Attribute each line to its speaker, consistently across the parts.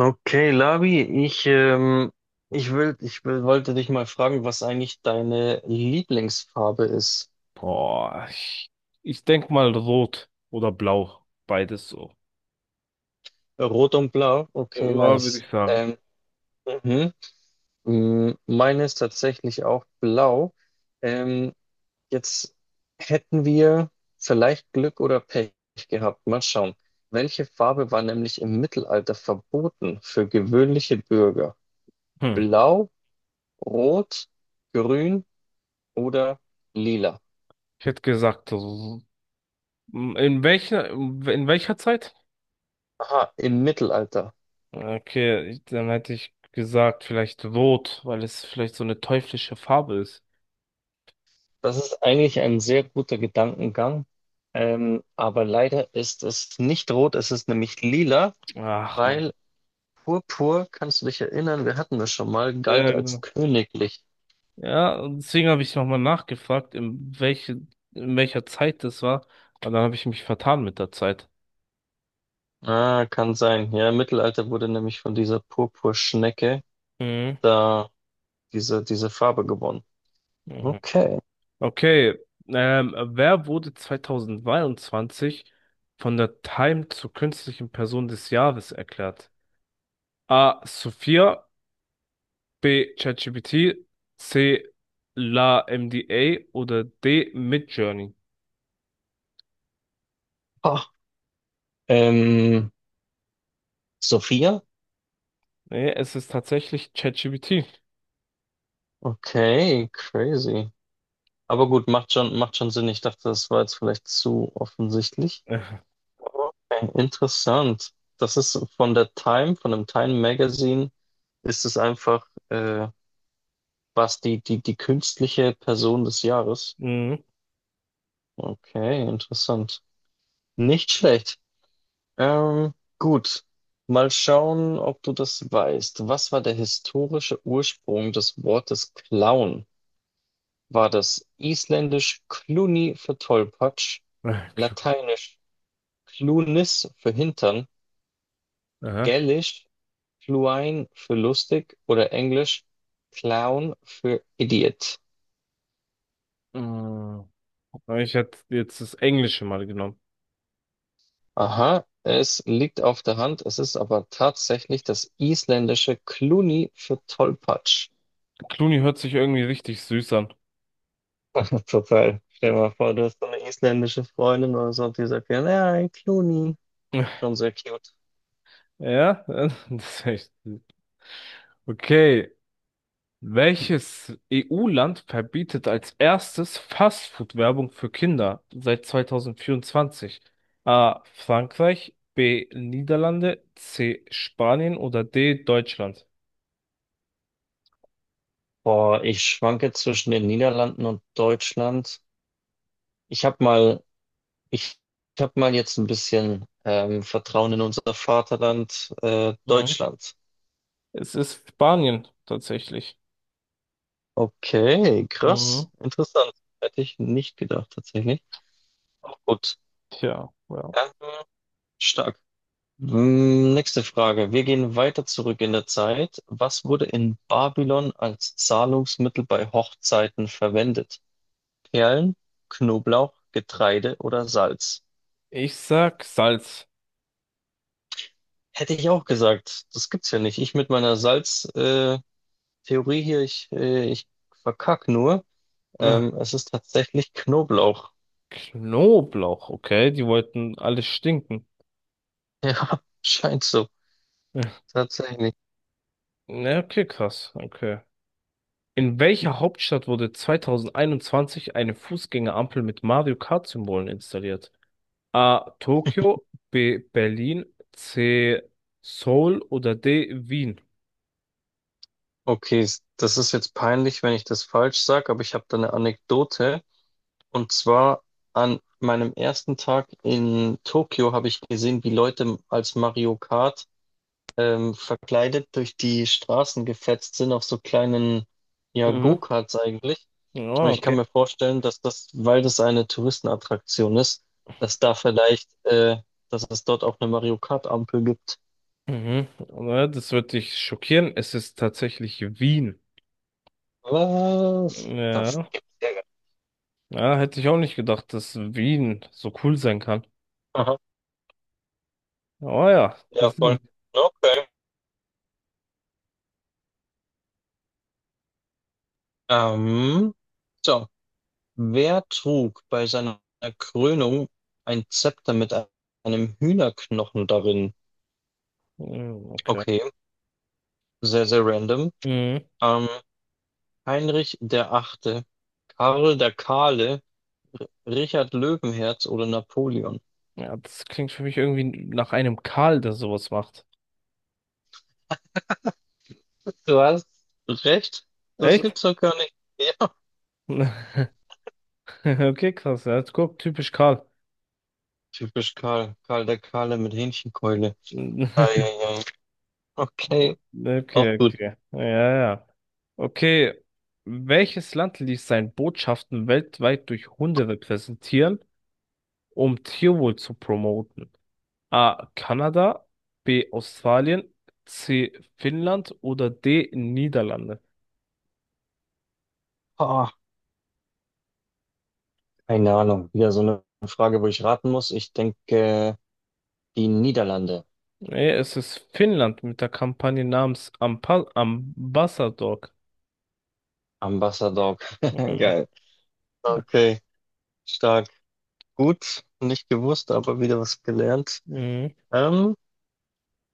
Speaker 1: Okay, Labi, ich wollte dich mal fragen, was eigentlich deine Lieblingsfarbe ist.
Speaker 2: Boah, ich denk mal rot oder blau. Beides so.
Speaker 1: Rot und Blau? Okay,
Speaker 2: Ja, würde
Speaker 1: nice.
Speaker 2: ich sagen.
Speaker 1: Mhm. Mm, meine ist tatsächlich auch blau. Ähm, Jetzt hätten wir vielleicht Glück oder Pech gehabt. Mal schauen. Welche Farbe war nämlich im Mittelalter verboten für gewöhnliche Bürger?
Speaker 2: Hm.
Speaker 1: Blau, Rot, Grün oder Lila?
Speaker 2: Ich hätte gesagt, in welcher Zeit?
Speaker 1: Aha, im Mittelalter.
Speaker 2: Okay, dann hätte ich gesagt, vielleicht rot, weil es vielleicht so eine teuflische Farbe ist.
Speaker 1: Das ist eigentlich ein sehr guter Gedankengang. Aber leider ist es nicht rot, es ist nämlich lila,
Speaker 2: Ach man.
Speaker 1: weil Purpur, kannst du dich erinnern, wir hatten das schon mal, galt
Speaker 2: Ja,
Speaker 1: als
Speaker 2: genau.
Speaker 1: königlich.
Speaker 2: Ja, und deswegen habe ich nochmal nachgefragt, in welcher Zeit das war. Und dann habe ich mich vertan mit der Zeit.
Speaker 1: Ah, kann sein. Ja, im Mittelalter wurde nämlich von dieser Purpurschnecke
Speaker 2: Mhm.
Speaker 1: da diese Farbe gewonnen.
Speaker 2: Mhm.
Speaker 1: Okay.
Speaker 2: Okay, wer wurde 2022 von der Time zur künstlichen Person des Jahres erklärt? A. Sophia, B. ChatGPT, C. LaMDA oder D. Midjourney?
Speaker 1: Ah, ähm, Sophia?
Speaker 2: Nee, es ist tatsächlich ChatGPT.
Speaker 1: Okay, crazy. Aber gut, macht schon Sinn. Ich dachte, das war jetzt vielleicht zu offensichtlich.
Speaker 2: Äh,
Speaker 1: Okay, interessant. Das ist von der Time, von dem Time Magazine, ist es einfach, was die künstliche Person des Jahres.
Speaker 2: Mhm.
Speaker 1: Okay, interessant. Nicht schlecht. Ähm, gut. Mal schauen, ob du das weißt. Was war der historische Ursprung des Wortes Clown? War das isländisch Cluni für Tollpatsch,
Speaker 2: Äh, Cl-
Speaker 1: lateinisch Clunis für Hintern,
Speaker 2: Aha.
Speaker 1: Gälisch Fluine für lustig oder Englisch Clown für Idiot?
Speaker 2: Mhm. Ich hätte jetzt das Englische mal genommen.
Speaker 1: Aha, es liegt auf der Hand, es ist aber tatsächlich das isländische Kluni für Tollpatsch.
Speaker 2: Clooney hört sich irgendwie richtig süß an.
Speaker 1: Total. Stell dir mal vor, du hast so eine isländische Freundin oder so und die sagt, ja, nein, Kluni. Schon sehr cute.
Speaker 2: Ja, das ist echt süß. Okay. Welches EU-Land verbietet als erstes Fastfood-Werbung für Kinder seit 2024? A. Frankreich, B. Niederlande, C. Spanien oder D. Deutschland?
Speaker 1: Boah, ich schwanke zwischen den Niederlanden und Deutschland. Ich habe mal, ich, ich habe mal jetzt ein bisschen Vertrauen in unser Vaterland,
Speaker 2: Mhm.
Speaker 1: Deutschland.
Speaker 2: Es ist Spanien tatsächlich.
Speaker 1: Okay, krass.
Speaker 2: Mhm.
Speaker 1: Interessant. Hätte ich nicht gedacht, tatsächlich. Auch gut.
Speaker 2: Tja, ja.
Speaker 1: Ähm, stark. Mm, nächste Frage. Wir gehen weiter zurück in der Zeit. Was wurde in Babylon als Zahlungsmittel bei Hochzeiten verwendet? Perlen, Knoblauch, Getreide oder Salz?
Speaker 2: Ich sag Salz.
Speaker 1: Hätte ich auch gesagt. Das gibt's ja nicht. Ich mit meiner Salz-Theorie hier, ich verkack nur.
Speaker 2: Äh,
Speaker 1: Es ist tatsächlich Knoblauch.
Speaker 2: Knoblauch, okay, die wollten alles stinken.
Speaker 1: Ja, scheint so. Tatsächlich.
Speaker 2: Ja, okay, krass, okay. In welcher Hauptstadt wurde 2021 eine Fußgängerampel mit Mario Kart-Symbolen installiert? A. Tokio, B. Berlin, C. Seoul oder D. Wien?
Speaker 1: Okay, das ist jetzt peinlich, wenn ich das falsch sage, aber ich habe da eine Anekdote. Und zwar an meinem ersten Tag in Tokio habe ich gesehen, wie Leute als Mario Kart verkleidet durch die Straßen gefetzt sind auf so kleinen, ja,
Speaker 2: Mhm.
Speaker 1: Go-Karts eigentlich. Und
Speaker 2: Ah,
Speaker 1: ich kann
Speaker 2: okay.
Speaker 1: mir vorstellen, dass das, weil das eine Touristenattraktion ist, dass da dass es dort auch eine Mario Kart-Ampel gibt.
Speaker 2: Mhm. Na, das wird dich schockieren. Es ist tatsächlich Wien.
Speaker 1: Was? Das
Speaker 2: Ja.
Speaker 1: gibt's ja gar nicht.
Speaker 2: Ja, hätte ich auch nicht gedacht, dass Wien so cool sein kann.
Speaker 1: Aha,
Speaker 2: Oh ja,
Speaker 1: ja,
Speaker 2: das
Speaker 1: voll.
Speaker 2: sind.
Speaker 1: Okay. Ähm, so, wer trug bei seiner Krönung ein Zepter mit einem Hühnerknochen darin?
Speaker 2: Mhm. Okay.
Speaker 1: Okay, sehr, sehr random.
Speaker 2: Mhm.
Speaker 1: Ähm, Heinrich der Achte, Karl der Kahle, Richard Löwenherz oder Napoleon?
Speaker 2: Ja, das klingt für mich irgendwie nach einem Karl, der sowas macht.
Speaker 1: Du hast recht, das
Speaker 2: Echt?
Speaker 1: gibt's doch gar nicht. Ja,
Speaker 2: Okay, krass. Ja, guck, typisch Karl.
Speaker 1: typisch Karl, Karl der Kahle mit Hähnchenkeule. Eieiei. Okay, auch
Speaker 2: Okay,
Speaker 1: gut.
Speaker 2: okay. Ja, ja. Okay. Welches Land ließ seine Botschaften weltweit durch Hunde repräsentieren, um Tierwohl zu promoten? A. Kanada, B. Australien, C. Finnland oder D. Niederlande?
Speaker 1: Ah, keine Ahnung, wieder so eine Frage, wo ich raten muss. Ich denke. Die Niederlande.
Speaker 2: Nee, es ist Finnland mit der Kampagne namens Ampa Ambassador.
Speaker 1: Ambassador. Geil. Okay, stark. Gut, nicht gewusst, aber wieder was gelernt.
Speaker 2: Mhm.
Speaker 1: Ähm,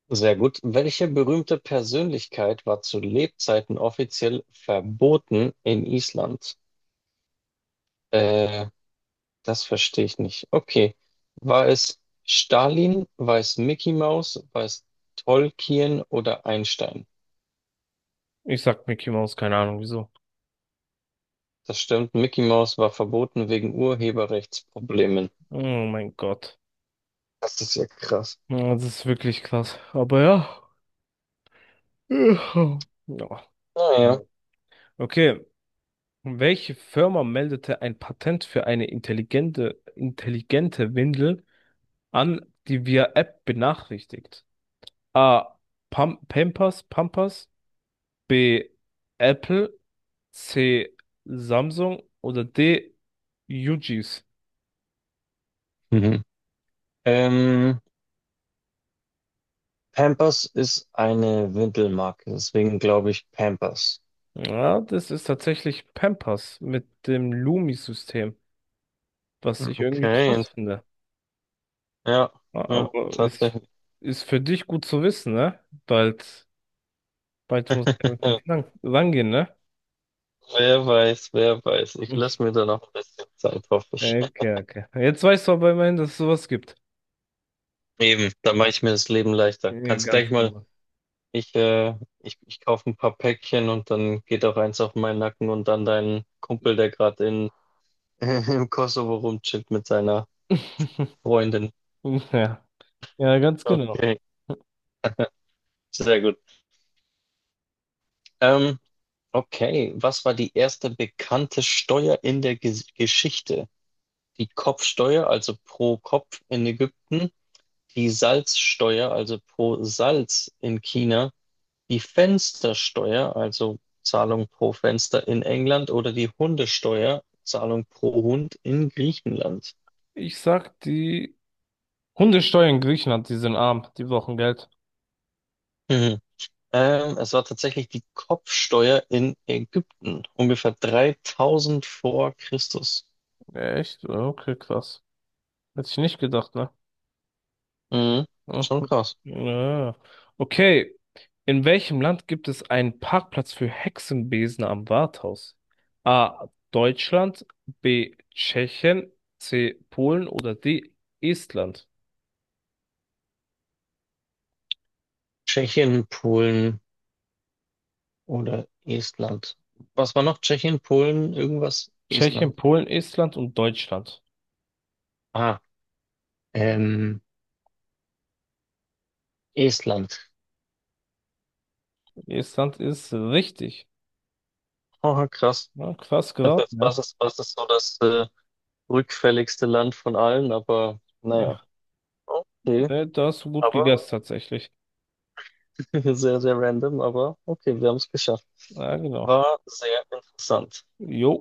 Speaker 1: sehr gut. Welche berühmte Persönlichkeit war zu Lebzeiten offiziell verboten in Island? Äh, das verstehe ich nicht. Okay. War es Stalin, war es Mickey Mouse, war es Tolkien oder Einstein?
Speaker 2: Ich sag Mickey Mouse, keine Ahnung wieso.
Speaker 1: Das stimmt. Mickey Mouse war verboten wegen Urheberrechtsproblemen.
Speaker 2: Oh mein Gott.
Speaker 1: Das ist ja krass.
Speaker 2: Ja, das ist wirklich krass. Aber ja. Ja.
Speaker 1: Naja.
Speaker 2: Okay. Welche Firma meldete ein Patent für eine intelligente Windel an, die via App benachrichtigt? A. Pampers, Pampers. B. Apple. C. Samsung. Oder D. UGs.
Speaker 1: Ähm, Pampers ist eine Windelmarke, deswegen glaube ich Pampers.
Speaker 2: Ja, das ist tatsächlich Pampers mit dem Lumi-System, was ich irgendwie
Speaker 1: Okay,
Speaker 2: krass finde.
Speaker 1: ja, ja,
Speaker 2: Aber ist,
Speaker 1: tatsächlich.
Speaker 2: ist für dich gut zu wissen, ne? Bald, bald muss ich mit den Kindern rangehen, ne?
Speaker 1: Wer weiß, wer weiß. Ich lasse
Speaker 2: Mhm.
Speaker 1: mir da noch ein bisschen Zeit, hoffe ich.
Speaker 2: Okay, okay. Jetzt weißt du aber immerhin, dass es sowas gibt.
Speaker 1: Eben, da mache ich mir das Leben leichter.
Speaker 2: Ja,
Speaker 1: Kannst gleich
Speaker 2: ganz
Speaker 1: mal,
Speaker 2: genau.
Speaker 1: ich kaufe ein paar Päckchen und dann geht auch eins auf meinen Nacken und dann deinen Kumpel, der gerade in im Kosovo rumchillt mit seiner Freundin.
Speaker 2: Ja, ja, ganz genau.
Speaker 1: Okay, sehr gut. Ähm, Okay, was war die erste bekannte Steuer in der Geschichte? Die Kopfsteuer, also pro Kopf in Ägypten, die Salzsteuer, also pro Salz in China, die Fenstersteuer, also Zahlung pro Fenster in England oder die Hundesteuer, Zahlung pro Hund in Griechenland.
Speaker 2: Ich sag, die Hundesteuer in Griechenland, die sind arm, die brauchen Geld.
Speaker 1: Mhm. Es war tatsächlich die Kopfsteuer in Ägypten, ungefähr 3000 vor Christus.
Speaker 2: Echt? Okay, krass. Hätte ich nicht gedacht, ne?
Speaker 1: Mhm.
Speaker 2: Ah,
Speaker 1: Schon krass.
Speaker 2: ah. Okay. In welchem Land gibt es einen Parkplatz für Hexenbesen am Rathaus? A. Deutschland, B. Tschechien, C. Polen oder D. Estland?
Speaker 1: Tschechien, Polen, oder Estland. Was war noch? Tschechien, Polen, irgendwas? Estland.
Speaker 2: Tschechien, Polen, Estland und Deutschland.
Speaker 1: Ah, ähm, Estland.
Speaker 2: Estland ist richtig.
Speaker 1: Oh, krass.
Speaker 2: Na, krass
Speaker 1: Das ist,
Speaker 2: geraten, ja.
Speaker 1: was ist so das rückfälligste Land von allen? Aber naja, okay.
Speaker 2: Ne, da hast du gut
Speaker 1: Aber
Speaker 2: gegessen tatsächlich.
Speaker 1: sehr, sehr random, aber okay, wir haben es geschafft.
Speaker 2: Ja, genau.
Speaker 1: War sehr interessant.
Speaker 2: Jo.